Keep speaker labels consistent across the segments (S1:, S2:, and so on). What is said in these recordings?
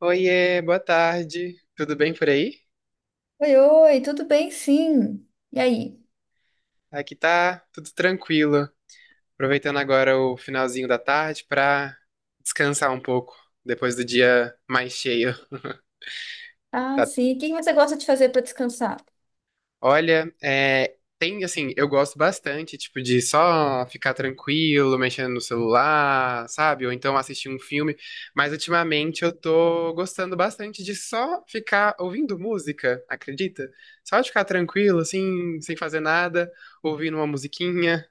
S1: Oiê, boa tarde. Tudo bem por aí?
S2: Oi, oi, tudo bem? Sim. E aí?
S1: Aqui tá tudo tranquilo. Aproveitando agora o finalzinho da tarde pra descansar um pouco depois do dia mais cheio.
S2: Ah,
S1: Tá?
S2: sim. O que você gosta de fazer para descansar?
S1: Olha, é, tem assim, eu gosto bastante, tipo, de só ficar tranquilo, mexendo no celular, sabe? Ou então assistir um filme. Mas ultimamente eu tô gostando bastante de só ficar ouvindo música, acredita? Só de ficar tranquilo, assim, sem fazer nada ouvindo uma musiquinha.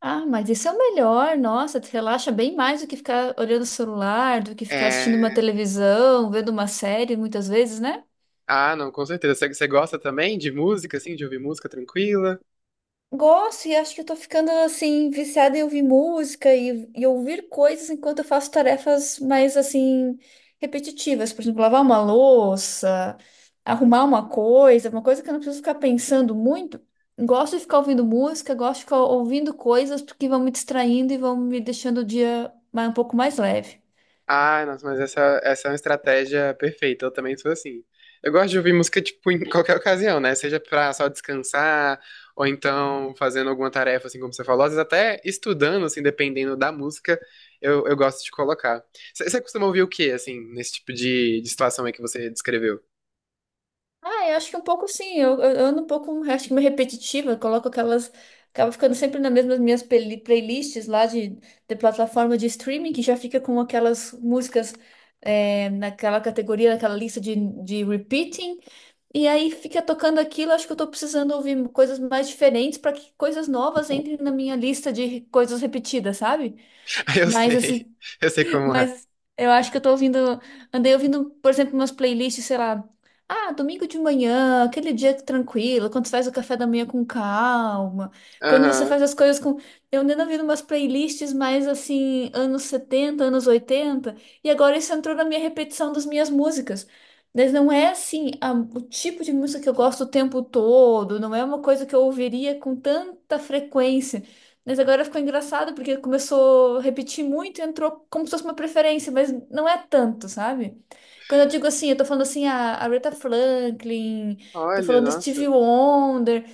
S2: Ah, mas isso é o melhor. Nossa, te relaxa bem mais do que ficar olhando o celular, do que ficar assistindo uma
S1: É.
S2: televisão, vendo uma série, muitas vezes, né?
S1: Ah, não, com certeza. Você gosta também de música, assim, de ouvir música tranquila?
S2: Gosto e acho que eu tô ficando assim viciada em ouvir música e ouvir coisas enquanto eu faço tarefas mais assim repetitivas, por exemplo, lavar uma louça, arrumar uma coisa que eu não preciso ficar pensando muito. Gosto de ficar ouvindo música, gosto de ficar ouvindo coisas porque vão me distraindo e vão me deixando o dia um pouco mais leve.
S1: Ah, nossa, mas essa é uma estratégia perfeita. Eu também sou assim. Eu gosto de ouvir música, tipo, em qualquer ocasião, né? Seja pra só descansar, ou então fazendo alguma tarefa, assim, como você falou. Às vezes até estudando, assim, dependendo da música, eu gosto de colocar. Você costuma ouvir o quê, assim, nesse tipo de situação aí que você descreveu?
S2: Ah, eu acho que um pouco sim. Eu ando um pouco, acho que meio repetitiva. Coloco aquelas. Acaba ficando sempre nas mesmas minhas playlists lá de plataforma de streaming, que já fica com aquelas músicas é, naquela categoria, naquela lista de repeating. E aí fica tocando aquilo. Acho que eu tô precisando ouvir coisas mais diferentes para que coisas novas entrem na minha lista de coisas repetidas, sabe?
S1: Eu
S2: Mas assim,
S1: sei, eu sei como é.
S2: mas eu acho que eu tô ouvindo. Andei ouvindo, por exemplo, umas playlists, sei lá. Ah, domingo de manhã, aquele dia tranquilo, quando você faz o café da manhã com calma, quando você
S1: Aham.
S2: faz as coisas com. Eu andei ouvindo umas playlists mais assim, anos 70 anos 80 e agora isso entrou na minha repetição das minhas músicas. Mas não é assim, o tipo de música que eu gosto o tempo todo, não é uma coisa que eu ouviria com tanta frequência. Mas agora ficou engraçado porque começou a repetir muito e entrou como se fosse uma preferência, mas não é tanto, sabe? Quando eu digo assim, eu tô falando assim a Aretha Franklin, tô
S1: Olha,
S2: falando
S1: nossa.
S2: Stevie Wonder,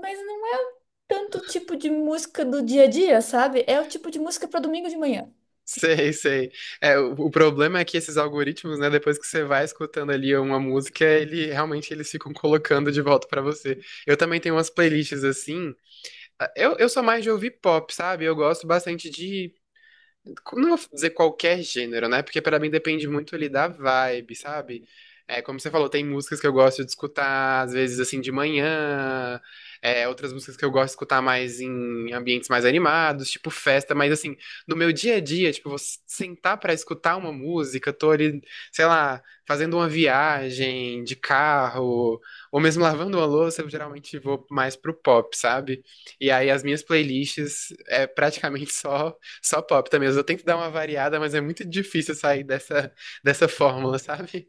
S2: mas não é tanto o tipo de música do dia a dia, sabe? É o tipo de música pra domingo de manhã.
S1: Sei, sei. É, o problema é que esses algoritmos, né, depois que você vai escutando ali uma música, ele realmente eles ficam colocando de volta pra você. Eu também tenho umas playlists assim. Ah, eu sou mais de ouvir pop, sabe? Eu gosto bastante de não vou dizer qualquer gênero, né? Porque pra mim depende muito ali da vibe, sabe? É, como você falou, tem músicas que eu gosto de escutar, às vezes assim de manhã, é, outras músicas que eu gosto de escutar mais em ambientes mais animados, tipo festa, mas assim, no meu dia a dia, tipo, vou sentar pra escutar uma música, tô ali, sei lá, fazendo uma viagem de carro, ou mesmo lavando uma louça, eu geralmente vou mais pro pop, sabe? E aí as minhas playlists é praticamente só. Só pop também. Às vezes eu tento dar uma variada, mas é muito difícil sair dessa fórmula, sabe?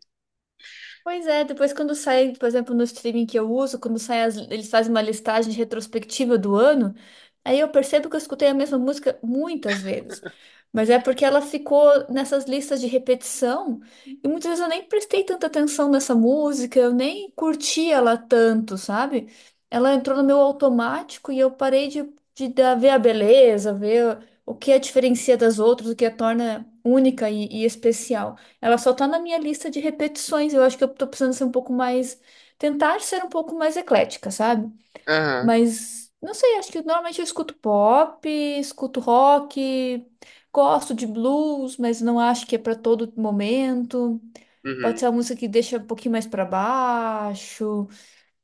S2: Pois é, depois quando sai, por exemplo, no streaming que eu uso, quando sai eles fazem uma listagem retrospectiva do ano, aí eu percebo que eu escutei a mesma música muitas vezes. Mas é porque ela ficou nessas listas de repetição, e muitas vezes eu nem prestei tanta atenção nessa música, eu nem curti ela tanto, sabe? Ela entrou no meu automático e eu parei de ver a beleza, ver o que a diferencia das outras, o que a torna única e especial. Ela só tá na minha lista de repetições. Eu acho que eu tô precisando ser um pouco mais. Tentar ser um pouco mais eclética, sabe?
S1: Aham,
S2: Mas não sei, acho que normalmente eu escuto pop, escuto rock, gosto de blues, mas não acho que é pra todo momento. Pode ser
S1: uhum,
S2: uma música que deixa um pouquinho mais pra baixo.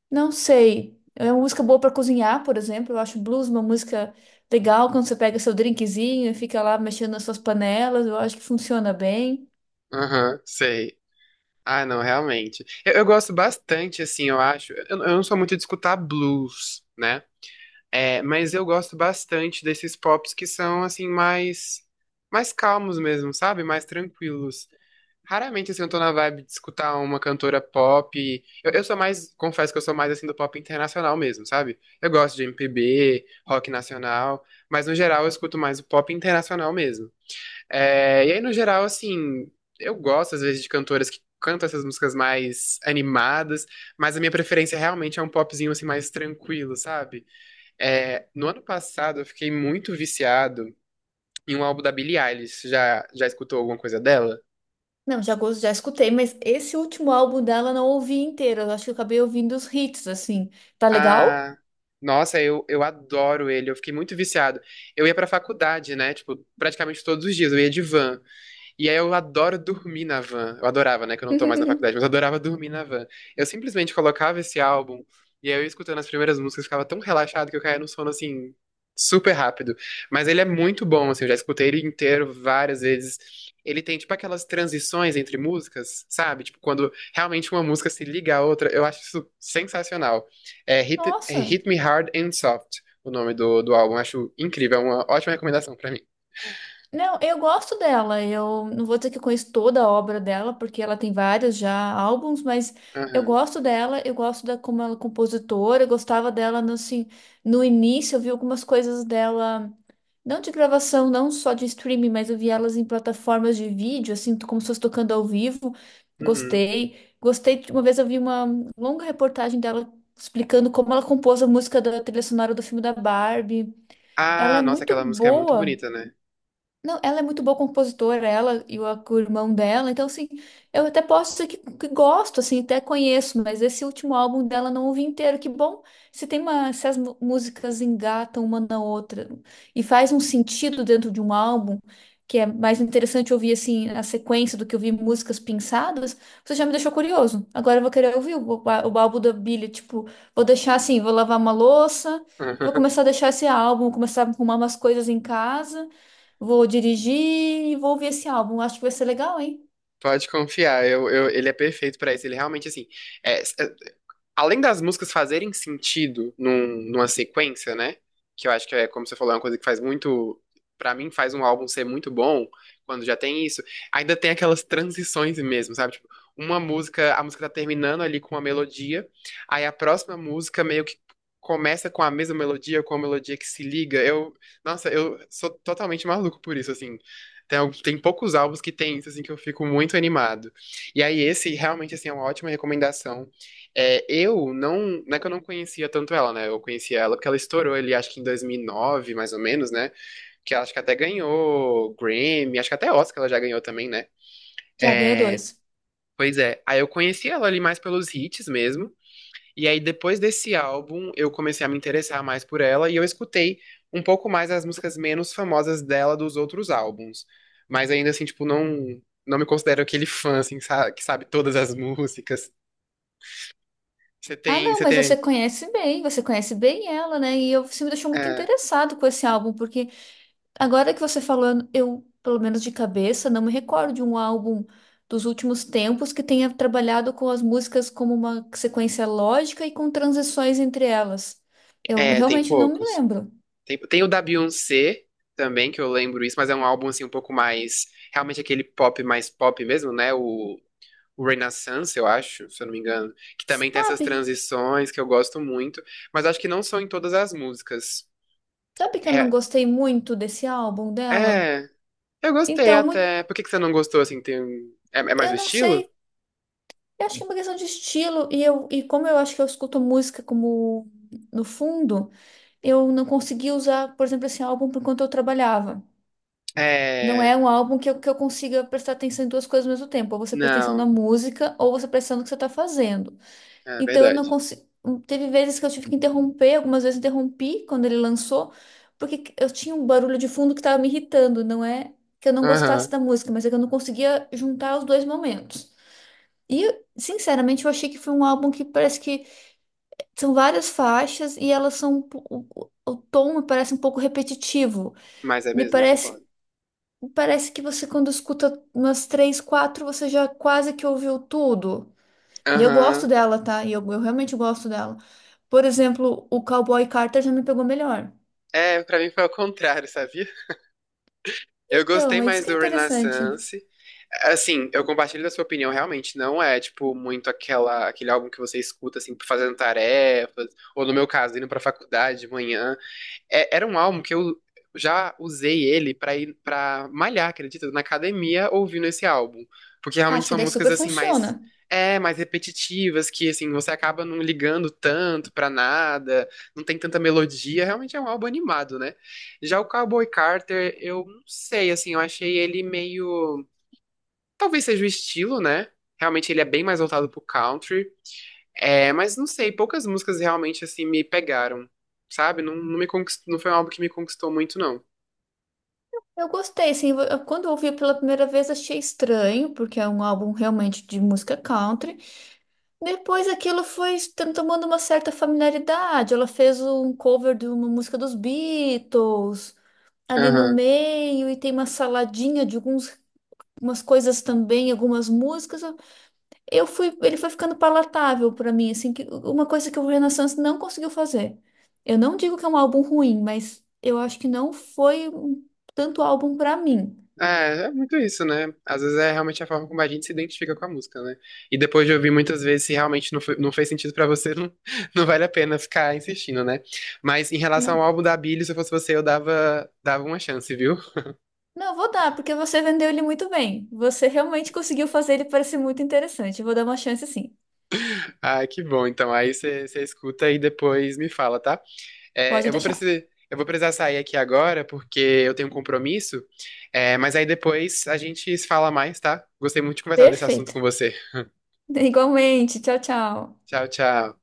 S2: Não sei. É uma música boa pra cozinhar, por exemplo. Eu acho blues uma música legal quando você pega seu drinkzinho e fica lá mexendo nas suas panelas. Eu acho que funciona bem.
S1: aham, sei. Ah, não, realmente. Eu gosto bastante, assim, eu acho. Eu não sou muito de escutar blues, né? É, mas eu gosto bastante desses pops que são assim mais calmos mesmo, sabe? Mais tranquilos. Raramente assim, eu tô na vibe de escutar uma cantora pop. Eu sou mais, confesso que eu sou mais assim do pop internacional mesmo, sabe? Eu gosto de MPB, rock nacional, mas no geral eu escuto mais o pop internacional mesmo. É, e aí no geral assim, eu gosto às vezes de cantoras que cantam essas músicas mais animadas, mas a minha preferência realmente é um popzinho assim mais tranquilo, sabe? É, no ano passado eu fiquei muito viciado em um álbum da Billie Eilish. Já escutou alguma coisa dela?
S2: Não, já, já escutei, mas esse último álbum dela eu não ouvi inteiro. Eu acho que eu acabei ouvindo os hits, assim. Tá legal?
S1: Ah, nossa, eu adoro ele. Eu fiquei muito viciado. Eu ia pra faculdade, né? Tipo, praticamente todos os dias. Eu ia de van. E aí eu adoro dormir na van. Eu adorava, né? Que eu não tô mais na faculdade, mas eu adorava dormir na van. Eu simplesmente colocava esse álbum e aí eu escutando as primeiras músicas ficava tão relaxado que eu caía no sono assim super rápido. Mas ele é muito bom, assim, eu já escutei ele inteiro várias vezes. Ele tem tipo aquelas transições entre músicas, sabe? Tipo quando realmente uma música se liga à outra, eu acho isso sensacional. É
S2: Nossa.
S1: Hit Me Hard and Soft, o nome do álbum, acho incrível, é uma ótima recomendação pra mim.
S2: Não, eu gosto dela. Eu não vou dizer que eu conheço toda a obra dela, porque ela tem vários já álbuns, mas eu
S1: Aham.
S2: gosto dela, eu gosto da como ela é compositora, eu gostava dela no, assim, no início, eu vi algumas coisas dela, não de gravação, não só de streaming, mas eu vi elas em plataformas de vídeo, assim, como se fosse tocando ao vivo.
S1: Uhum.
S2: Gostei. Gostei, uma vez eu vi uma longa reportagem dela explicando como ela compôs a música da trilha sonora do filme da Barbie. Ela
S1: Ah,
S2: é
S1: nossa,
S2: muito
S1: aquela música é muito
S2: boa.
S1: bonita, né?
S2: Não, ela é muito boa compositora, ela e o irmão dela. Então, assim, eu até posso dizer que gosto, assim, até conheço, mas esse último álbum dela não ouvi inteiro. Que bom se tem uma, se as músicas engatam uma na outra e faz um sentido dentro de um álbum, que é mais interessante ouvir, assim, a sequência do que ouvir músicas pinçadas. Você já me deixou curioso. Agora eu vou querer ouvir o, o álbum da Billie, tipo, vou deixar assim, vou lavar uma louça e vou começar a deixar esse álbum, começar a arrumar umas coisas em casa. Vou dirigir e vou ouvir esse álbum. Acho que vai ser legal, hein?
S1: Pode confiar, ele é perfeito pra isso. Ele realmente, assim, é, é, além das músicas fazerem sentido numa sequência, né? Que eu acho que é, como você falou, é uma coisa que faz muito. Pra mim, faz um álbum ser muito bom quando já tem isso. Ainda tem aquelas transições mesmo, sabe? Tipo, uma música, a música tá terminando ali com uma melodia, aí a próxima música meio que começa com a mesma melodia, ou com a melodia que se liga. Nossa, eu sou totalmente maluco por isso, assim. Tem poucos álbuns que tem isso, assim, que eu fico muito animado. E aí, esse realmente, assim, é uma ótima recomendação. É, eu não, não é que eu não conhecia tanto ela, né? Eu conhecia ela porque ela estourou ele, acho que em 2009 mais ou menos, né? Que ela acho que até ganhou Grammy, acho que até Oscar ela já ganhou também, né?
S2: Já ganhou
S1: É,
S2: dois.
S1: pois é. Aí eu conheci ela ali mais pelos hits mesmo. E aí depois desse álbum eu comecei a me interessar mais por ela e eu escutei um pouco mais as músicas menos famosas dela dos outros álbuns. Mas ainda assim, tipo, não, não me considero aquele fã, assim, que sabe todas as músicas. Você
S2: Ah,
S1: tem,
S2: não,
S1: você
S2: mas
S1: tem.
S2: você conhece bem ela, né? E eu, você me deixou muito
S1: É,
S2: interessado com esse álbum, porque agora que você falou, eu, pelo menos de cabeça, não me recordo de um álbum dos últimos tempos que tenha trabalhado com as músicas como uma sequência lógica e com transições entre elas. Eu
S1: é, tem
S2: realmente não me
S1: poucos.
S2: lembro.
S1: Tem o da Beyoncé também, que eu lembro isso, mas é um álbum assim um pouco mais. Realmente aquele pop mais pop mesmo, né? O Renaissance, eu acho, se eu não me engano. Que também tem essas
S2: Sabe?
S1: transições que eu gosto muito, mas acho que não são em todas as músicas.
S2: Sabe que eu não
S1: É,
S2: gostei muito desse álbum dela?
S1: é, eu gostei
S2: Então,
S1: até. Por que que você não gostou assim? É mais o
S2: eu não
S1: estilo?
S2: sei. Eu acho que é uma questão de estilo, e, eu, e como eu acho que eu escuto música como no fundo, eu não consegui usar, por exemplo, esse álbum por enquanto eu trabalhava. Não
S1: É.
S2: é um álbum que eu consiga prestar atenção em duas coisas ao mesmo tempo. Ou você presta atenção na
S1: Não,
S2: música, ou você presta atenção no que você está fazendo.
S1: é
S2: Então eu não
S1: verdade.
S2: consigo. Teve vezes que eu tive que interromper, algumas vezes interrompi quando ele lançou, porque eu tinha um barulho de fundo que estava me irritando. Não é que eu não gostasse
S1: Aham,
S2: da música, mas é que eu não conseguia juntar os dois momentos. E, sinceramente, eu achei que foi um álbum que parece que são várias faixas e elas são. O tom me parece um pouco repetitivo.
S1: mas é
S2: Me
S1: mesmo, eu
S2: parece,
S1: concordo.
S2: parece que você, quando escuta umas três, quatro, você já quase que ouviu tudo. E eu gosto
S1: Aham.
S2: dela, tá? E eu realmente gosto dela. Por exemplo, o Cowboy Carter já me pegou melhor.
S1: É, pra mim foi ao contrário, sabia? Eu gostei
S2: Então, é isso
S1: mais
S2: que é
S1: do
S2: interessante.
S1: Renaissance. Assim, eu compartilho da sua opinião, realmente não é, tipo, muito aquele álbum que você escuta, assim, fazendo tarefas, ou no meu caso, indo pra faculdade de manhã. Era um álbum que eu já usei ele pra ir para malhar, acredita? Na academia ouvindo esse álbum, porque realmente
S2: Acho que
S1: são
S2: daí
S1: músicas
S2: super
S1: assim
S2: funciona.
S1: mais mais repetitivas, que assim você acaba não ligando tanto pra nada, não tem tanta melodia, realmente é um álbum animado, né? Já o Cowboy Carter, eu não sei, assim, eu achei ele meio, talvez seja o estilo, né? Realmente ele é bem mais voltado pro country. É, mas não sei, poucas músicas realmente assim me pegaram, sabe? Não, não foi um álbum que me conquistou muito, não.
S2: Eu gostei, assim, quando eu ouvi pela primeira vez achei estranho, porque é um álbum realmente de música country. Depois aquilo foi se tomando uma certa familiaridade. Ela fez um cover de uma música dos Beatles ali no
S1: Aham.
S2: meio e tem uma saladinha de alguns umas coisas também, algumas músicas. Eu fui, ele foi ficando palatável para mim, assim, que uma coisa que o Renaissance não conseguiu fazer. Eu não digo que é um álbum ruim, mas eu acho que não foi um tanto álbum para mim.
S1: É, é muito isso, né? Às vezes é realmente a forma como a gente se identifica com a música, né? E depois de ouvir muitas vezes, se realmente não, não fez sentido pra você, não, não vale a pena ficar insistindo, né? Mas em relação
S2: Não.
S1: ao álbum da Billie, se eu fosse você, eu dava uma chance, viu?
S2: Não, vou dar, porque você vendeu ele muito bem. Você realmente conseguiu fazer ele parecer muito interessante. Eu vou dar uma chance sim.
S1: Ah, que bom. Então aí você escuta e depois me fala, tá? É,
S2: Pode
S1: eu vou
S2: deixar.
S1: precisar, eu vou precisar sair aqui agora porque eu tenho um compromisso. É, mas aí depois a gente se fala mais, tá? Gostei muito de conversar desse assunto
S2: Perfeito.
S1: com você.
S2: Igualmente. Tchau, tchau.
S1: Tchau, tchau.